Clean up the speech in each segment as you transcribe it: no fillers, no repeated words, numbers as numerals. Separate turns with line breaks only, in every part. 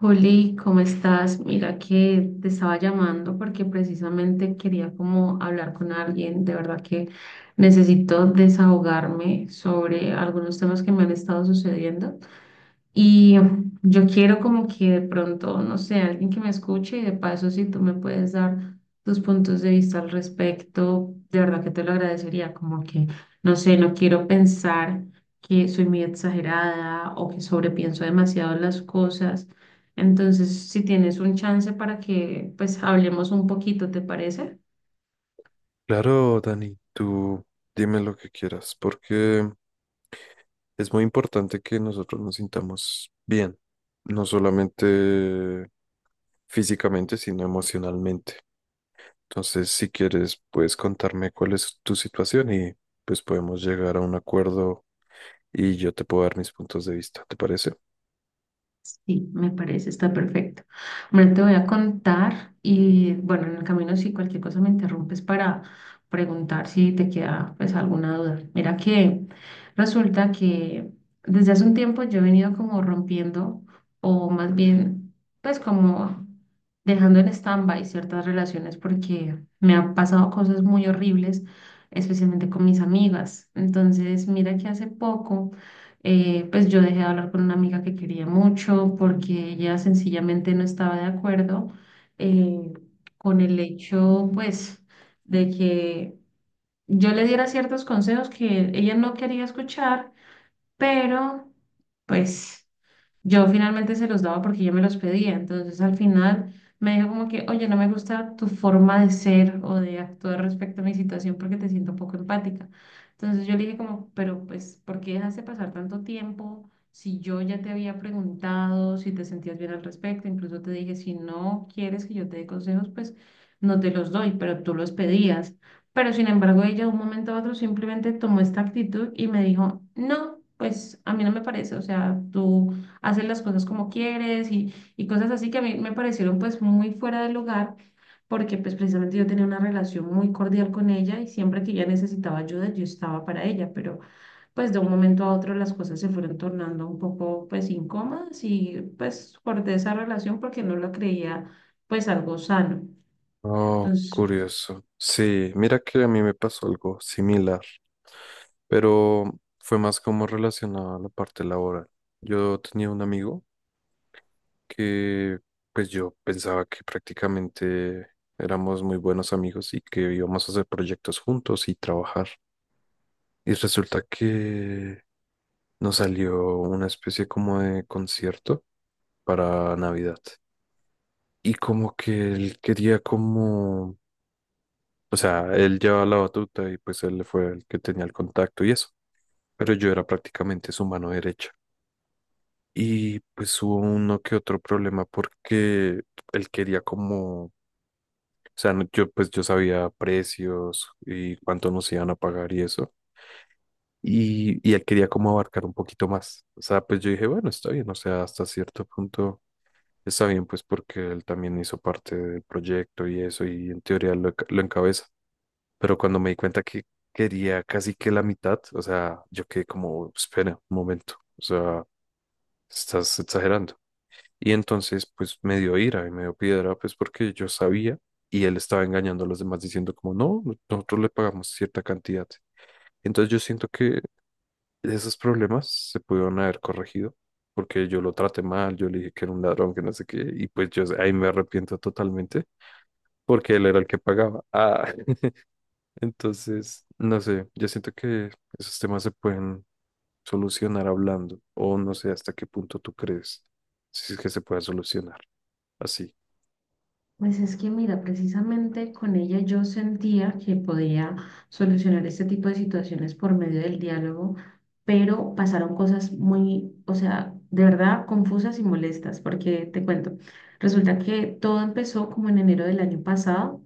Juli, ¿cómo estás? Mira que te estaba llamando porque precisamente quería como hablar con alguien. De verdad que necesito desahogarme sobre algunos temas que me han estado sucediendo. Y yo quiero como que de pronto, no sé, alguien que me escuche y de paso si tú me puedes dar tus puntos de vista al respecto, de verdad que te lo agradecería, como que, no sé, no quiero pensar que soy muy exagerada o que sobrepienso demasiado las cosas. Entonces, si tienes un chance para que pues hablemos un poquito, ¿te parece?
Claro, Dani, tú dime lo que quieras, porque es muy importante que nosotros nos sintamos bien, no solamente físicamente, sino emocionalmente. Entonces, si quieres, puedes contarme cuál es tu situación y pues podemos llegar a un acuerdo y yo te puedo dar mis puntos de vista, ¿te parece?
Sí, me parece, está perfecto. Bueno, te voy a contar y bueno, en el camino si cualquier cosa me interrumpes para preguntar si te queda pues alguna duda. Mira que resulta que desde hace un tiempo yo he venido como rompiendo o más bien pues como dejando en stand-by ciertas relaciones porque me han pasado cosas muy horribles, especialmente con mis amigas. Entonces, mira que hace poco pues yo dejé de hablar con una amiga que quería mucho porque ella sencillamente no estaba de acuerdo eh, con el hecho, pues, de que yo le diera ciertos consejos que ella no quería escuchar, pero, pues... Yo finalmente se los daba porque yo me los pedía. Entonces al final me dijo como que, oye, no me gusta tu forma de ser o de actuar respecto a mi situación porque te siento poco empática. Entonces yo le dije como, pero pues, ¿por qué dejaste pasar tanto tiempo? Si yo ya te había preguntado si te sentías bien al respecto, incluso te dije, si no quieres que yo te dé consejos, pues no te los doy, pero tú los pedías. Pero sin embargo, ella de un momento a otro simplemente tomó esta actitud y me dijo, no, pues a mí no me parece, o sea, tú hacer las cosas como quieres y cosas así que a mí me parecieron pues muy fuera de lugar porque pues precisamente yo tenía una relación muy cordial con ella y siempre que ella necesitaba ayuda yo estaba para ella, pero pues de un momento a otro las cosas se fueron tornando un poco pues incómodas y pues corté esa relación porque no la creía pues algo sano.
Oh,
Entonces
curioso. Sí, mira que a mí me pasó algo similar, pero fue más como relacionado a la parte laboral. Yo tenía un amigo que pues yo pensaba que prácticamente éramos muy buenos amigos y que íbamos a hacer proyectos juntos y trabajar. Y resulta que nos salió una especie como de concierto para Navidad. Y como que él quería como, o sea, él llevaba la batuta y pues él fue el que tenía el contacto y eso. Pero yo era prácticamente su mano derecha. Y pues hubo uno que otro problema porque él quería como, o sea, yo pues yo sabía precios y cuánto nos iban a pagar y eso. Y él quería como abarcar un poquito más. O sea, pues yo dije, bueno, está bien, o sea, hasta cierto punto está bien, pues porque él también hizo parte del proyecto y eso, y en teoría lo, lo encabeza. Pero cuando me di cuenta que quería casi que la mitad, o sea, yo quedé como, espera, un momento, o sea, estás exagerando. Y entonces, pues me dio ira y me dio piedra, pues porque yo sabía y él estaba engañando a los demás diciendo como, no, nosotros le pagamos cierta cantidad. Entonces yo siento que esos problemas se pudieron haber corregido porque yo lo traté mal, yo le dije que era un ladrón, que no sé qué, y pues yo ahí me arrepiento totalmente porque él era el que pagaba. Ah, entonces, no sé, yo siento que esos temas se pueden solucionar hablando o no sé hasta qué punto tú crees si es que se puede solucionar así.
pues es que mira, precisamente con ella yo sentía que podía solucionar este tipo de situaciones por medio del diálogo, pero pasaron cosas muy, o sea, de verdad confusas y molestas, porque te cuento, resulta que todo empezó como en enero del año pasado.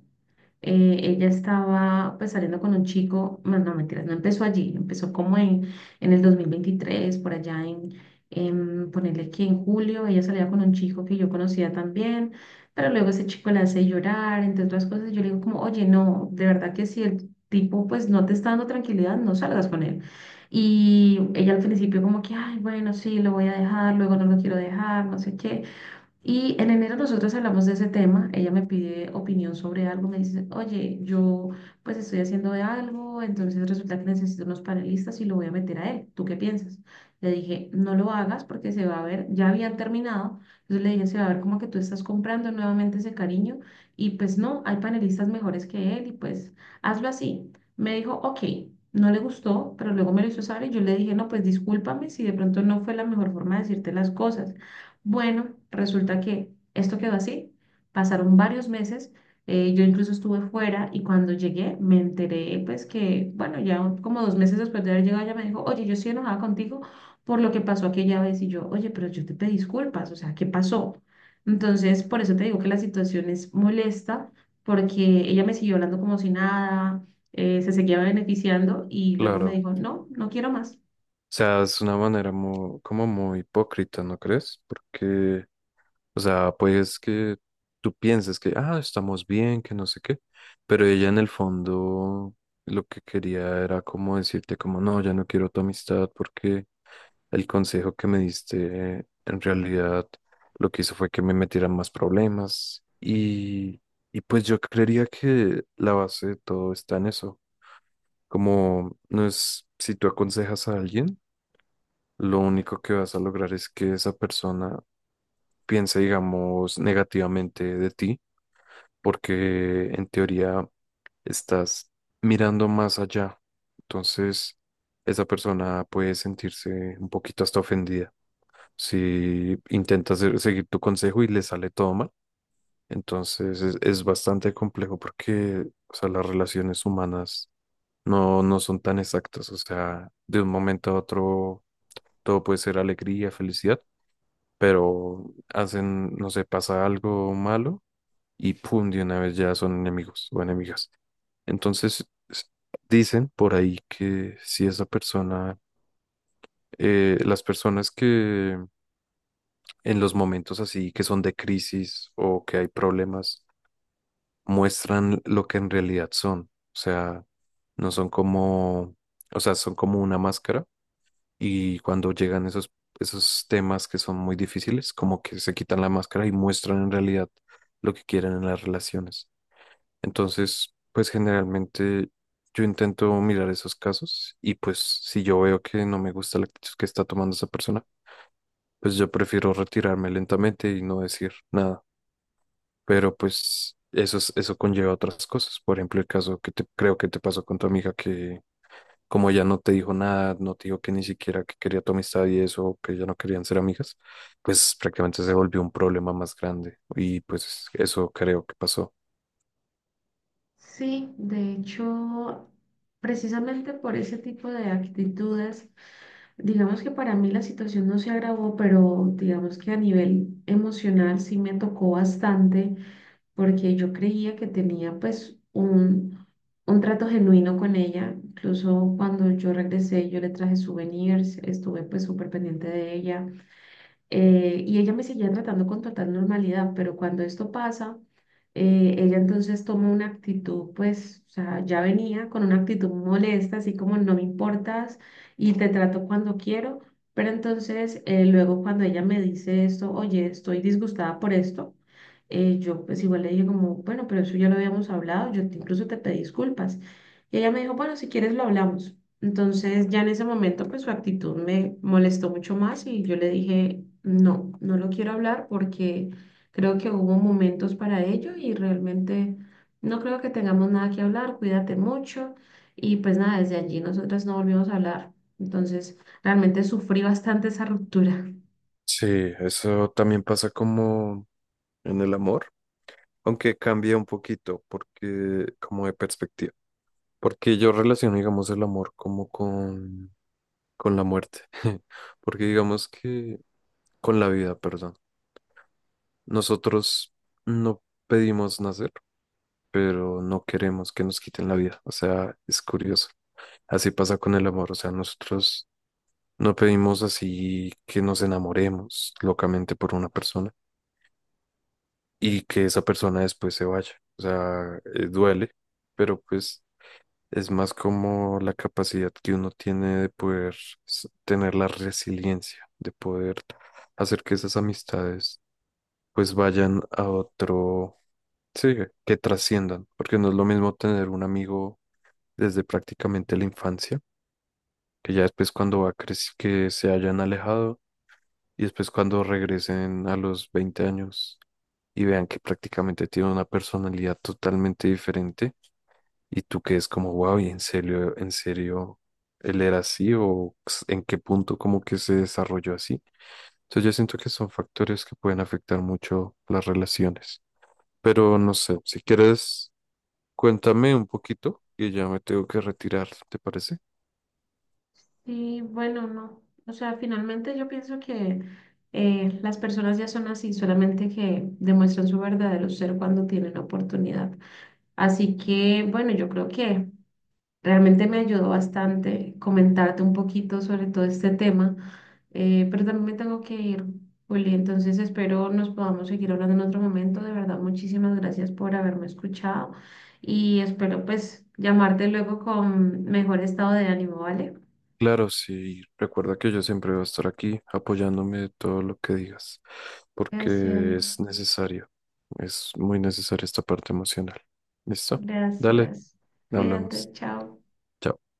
Ella estaba pues saliendo con un chico, más no mentiras, no empezó allí, empezó como en el 2023, por allá en ponerle que en julio, ella salía con un chico que yo conocía también, pero luego ese chico la hace llorar, entre otras cosas, yo le digo como, oye, no, de verdad que si el tipo pues no te está dando tranquilidad, no salgas con él. Y ella al principio como que, ay, bueno, sí, lo voy a dejar, luego no lo quiero dejar, no sé qué. Y en enero nosotros hablamos de ese tema, ella me pide opinión sobre algo, me dice, oye, yo pues estoy haciendo de algo, entonces resulta que necesito unos panelistas y lo voy a meter a él, ¿tú qué piensas? Le dije, no lo hagas porque se va a ver, ya habían terminado, entonces le dije, se va a ver como que tú estás comprando nuevamente ese cariño y pues no, hay panelistas mejores que él y pues hazlo así. Me dijo, ok, no le gustó, pero luego me lo hizo saber y yo le dije, no, pues discúlpame si de pronto no fue la mejor forma de decirte las cosas. Bueno, resulta que esto quedó así. Pasaron varios meses. Yo incluso estuve fuera y cuando llegué me enteré, pues que, bueno, como dos meses después de haber llegado, ella me dijo, oye, yo estoy enojada contigo por lo que pasó aquella vez. Y yo, oye, pero yo te pedí disculpas, o sea, ¿qué pasó? Entonces, por eso te digo que la situación es molesta, porque ella me siguió hablando como si nada, se seguía beneficiando y luego me
Claro.
dijo, no, no quiero más.
O sea, es una manera muy, como muy hipócrita, ¿no crees? Porque, o sea, pues que tú piensas que, ah, estamos bien, que no sé qué, pero ella en el fondo lo que quería era como decirte como, no, ya no quiero tu amistad porque el consejo que me diste en realidad lo que hizo fue que me metieran más problemas y pues yo creería que la base de todo está en eso, como no es si tú aconsejas a alguien lo único que vas a lograr es que esa persona piense, digamos, negativamente de ti, porque en teoría estás mirando más allá. Entonces, esa persona puede sentirse un poquito hasta ofendida. Si intentas seguir tu consejo y le sale todo mal, entonces es bastante complejo porque, o sea, las relaciones humanas no son tan exactas. O sea, de un momento a otro todo puede ser alegría, felicidad, pero hacen, no sé, pasa algo malo y pum, de una vez ya son enemigos o enemigas. Entonces, dicen por ahí que si esa persona, las personas que en los momentos así que son de crisis o que hay problemas, muestran lo que en realidad son, o sea, no son como, o sea, son como una máscara y cuando llegan esos, esos temas que son muy difíciles, como que se quitan la máscara y muestran en realidad lo que quieren en las relaciones. Entonces, pues generalmente yo intento mirar esos casos y pues si yo veo que no me gusta la actitud que está tomando esa persona, pues yo prefiero retirarme lentamente y no decir nada. Pero pues eso, eso conlleva otras cosas. Por ejemplo, el caso que te, creo que te pasó con tu amiga que como ella no te dijo nada, no te dijo que ni siquiera que quería tu amistad y eso, que ya no querían ser amigas, pues prácticamente se volvió un problema más grande y pues eso creo que pasó.
Sí, de hecho, precisamente por ese tipo de actitudes, digamos que para mí la situación no se agravó, pero digamos que a nivel emocional sí me tocó bastante porque yo creía que tenía pues un trato genuino con ella. Incluso cuando yo regresé, yo le traje souvenirs, estuve pues súper pendiente de ella. Y ella me seguía tratando con total normalidad, pero cuando esto pasa, ella entonces toma una actitud, pues, o sea, ya venía con una actitud molesta, así como no me importas y te trato cuando quiero, pero entonces luego cuando ella me dice esto, oye, estoy disgustada por esto, yo pues igual le dije como, bueno, pero eso ya lo habíamos hablado, incluso te pedí disculpas. Y ella me dijo, bueno, si quieres lo hablamos. Entonces ya en ese momento pues su actitud me molestó mucho más y yo le dije, no, no lo quiero hablar porque creo que hubo momentos para ello y realmente no creo que tengamos nada que hablar, cuídate mucho y pues nada, desde allí nosotras no volvimos a hablar. Entonces realmente sufrí bastante esa ruptura.
Sí, eso también pasa como en el amor, aunque cambia un poquito porque como de perspectiva, porque yo relaciono, digamos, el amor como con la muerte, porque digamos que con la vida, perdón. Nosotros no pedimos nacer pero no queremos que nos quiten la vida. O sea, es curioso. Así pasa con el amor. O sea, nosotros no pedimos así que nos enamoremos locamente por una persona y que esa persona después se vaya. O sea, duele, pero pues es más como la capacidad que uno tiene de poder tener la resiliencia, de poder hacer que esas amistades pues vayan a otro, sí, que trasciendan, porque no es lo mismo tener un amigo desde prácticamente la infancia, que ya después cuando que se hayan alejado y después cuando regresen a los 20 años y vean que prácticamente tiene una personalidad totalmente diferente y tú que es como, wow, y en serio, él era así o en qué punto como que se desarrolló así. Entonces yo siento que son factores que pueden afectar mucho las relaciones. Pero no sé, si quieres, cuéntame un poquito y ya me tengo que retirar, ¿te parece?
Sí, bueno, no. O sea, finalmente yo pienso que las personas ya son así, solamente que demuestran su verdadero ser cuando tienen oportunidad. Así que, bueno, yo creo que realmente me ayudó bastante comentarte un poquito sobre todo este tema, pero también me tengo que ir, Juli. Entonces espero nos podamos seguir hablando en otro momento. De verdad, muchísimas gracias por haberme escuchado y espero pues llamarte luego con mejor estado de ánimo, ¿vale?
Claro, sí, recuerda que yo siempre voy a estar aquí apoyándome de todo lo que digas, porque es
Gracias,
necesario, es muy necesaria esta parte emocional. ¿Listo? Dale,
gracias.
hablamos.
Cuídate, chao.
Chao.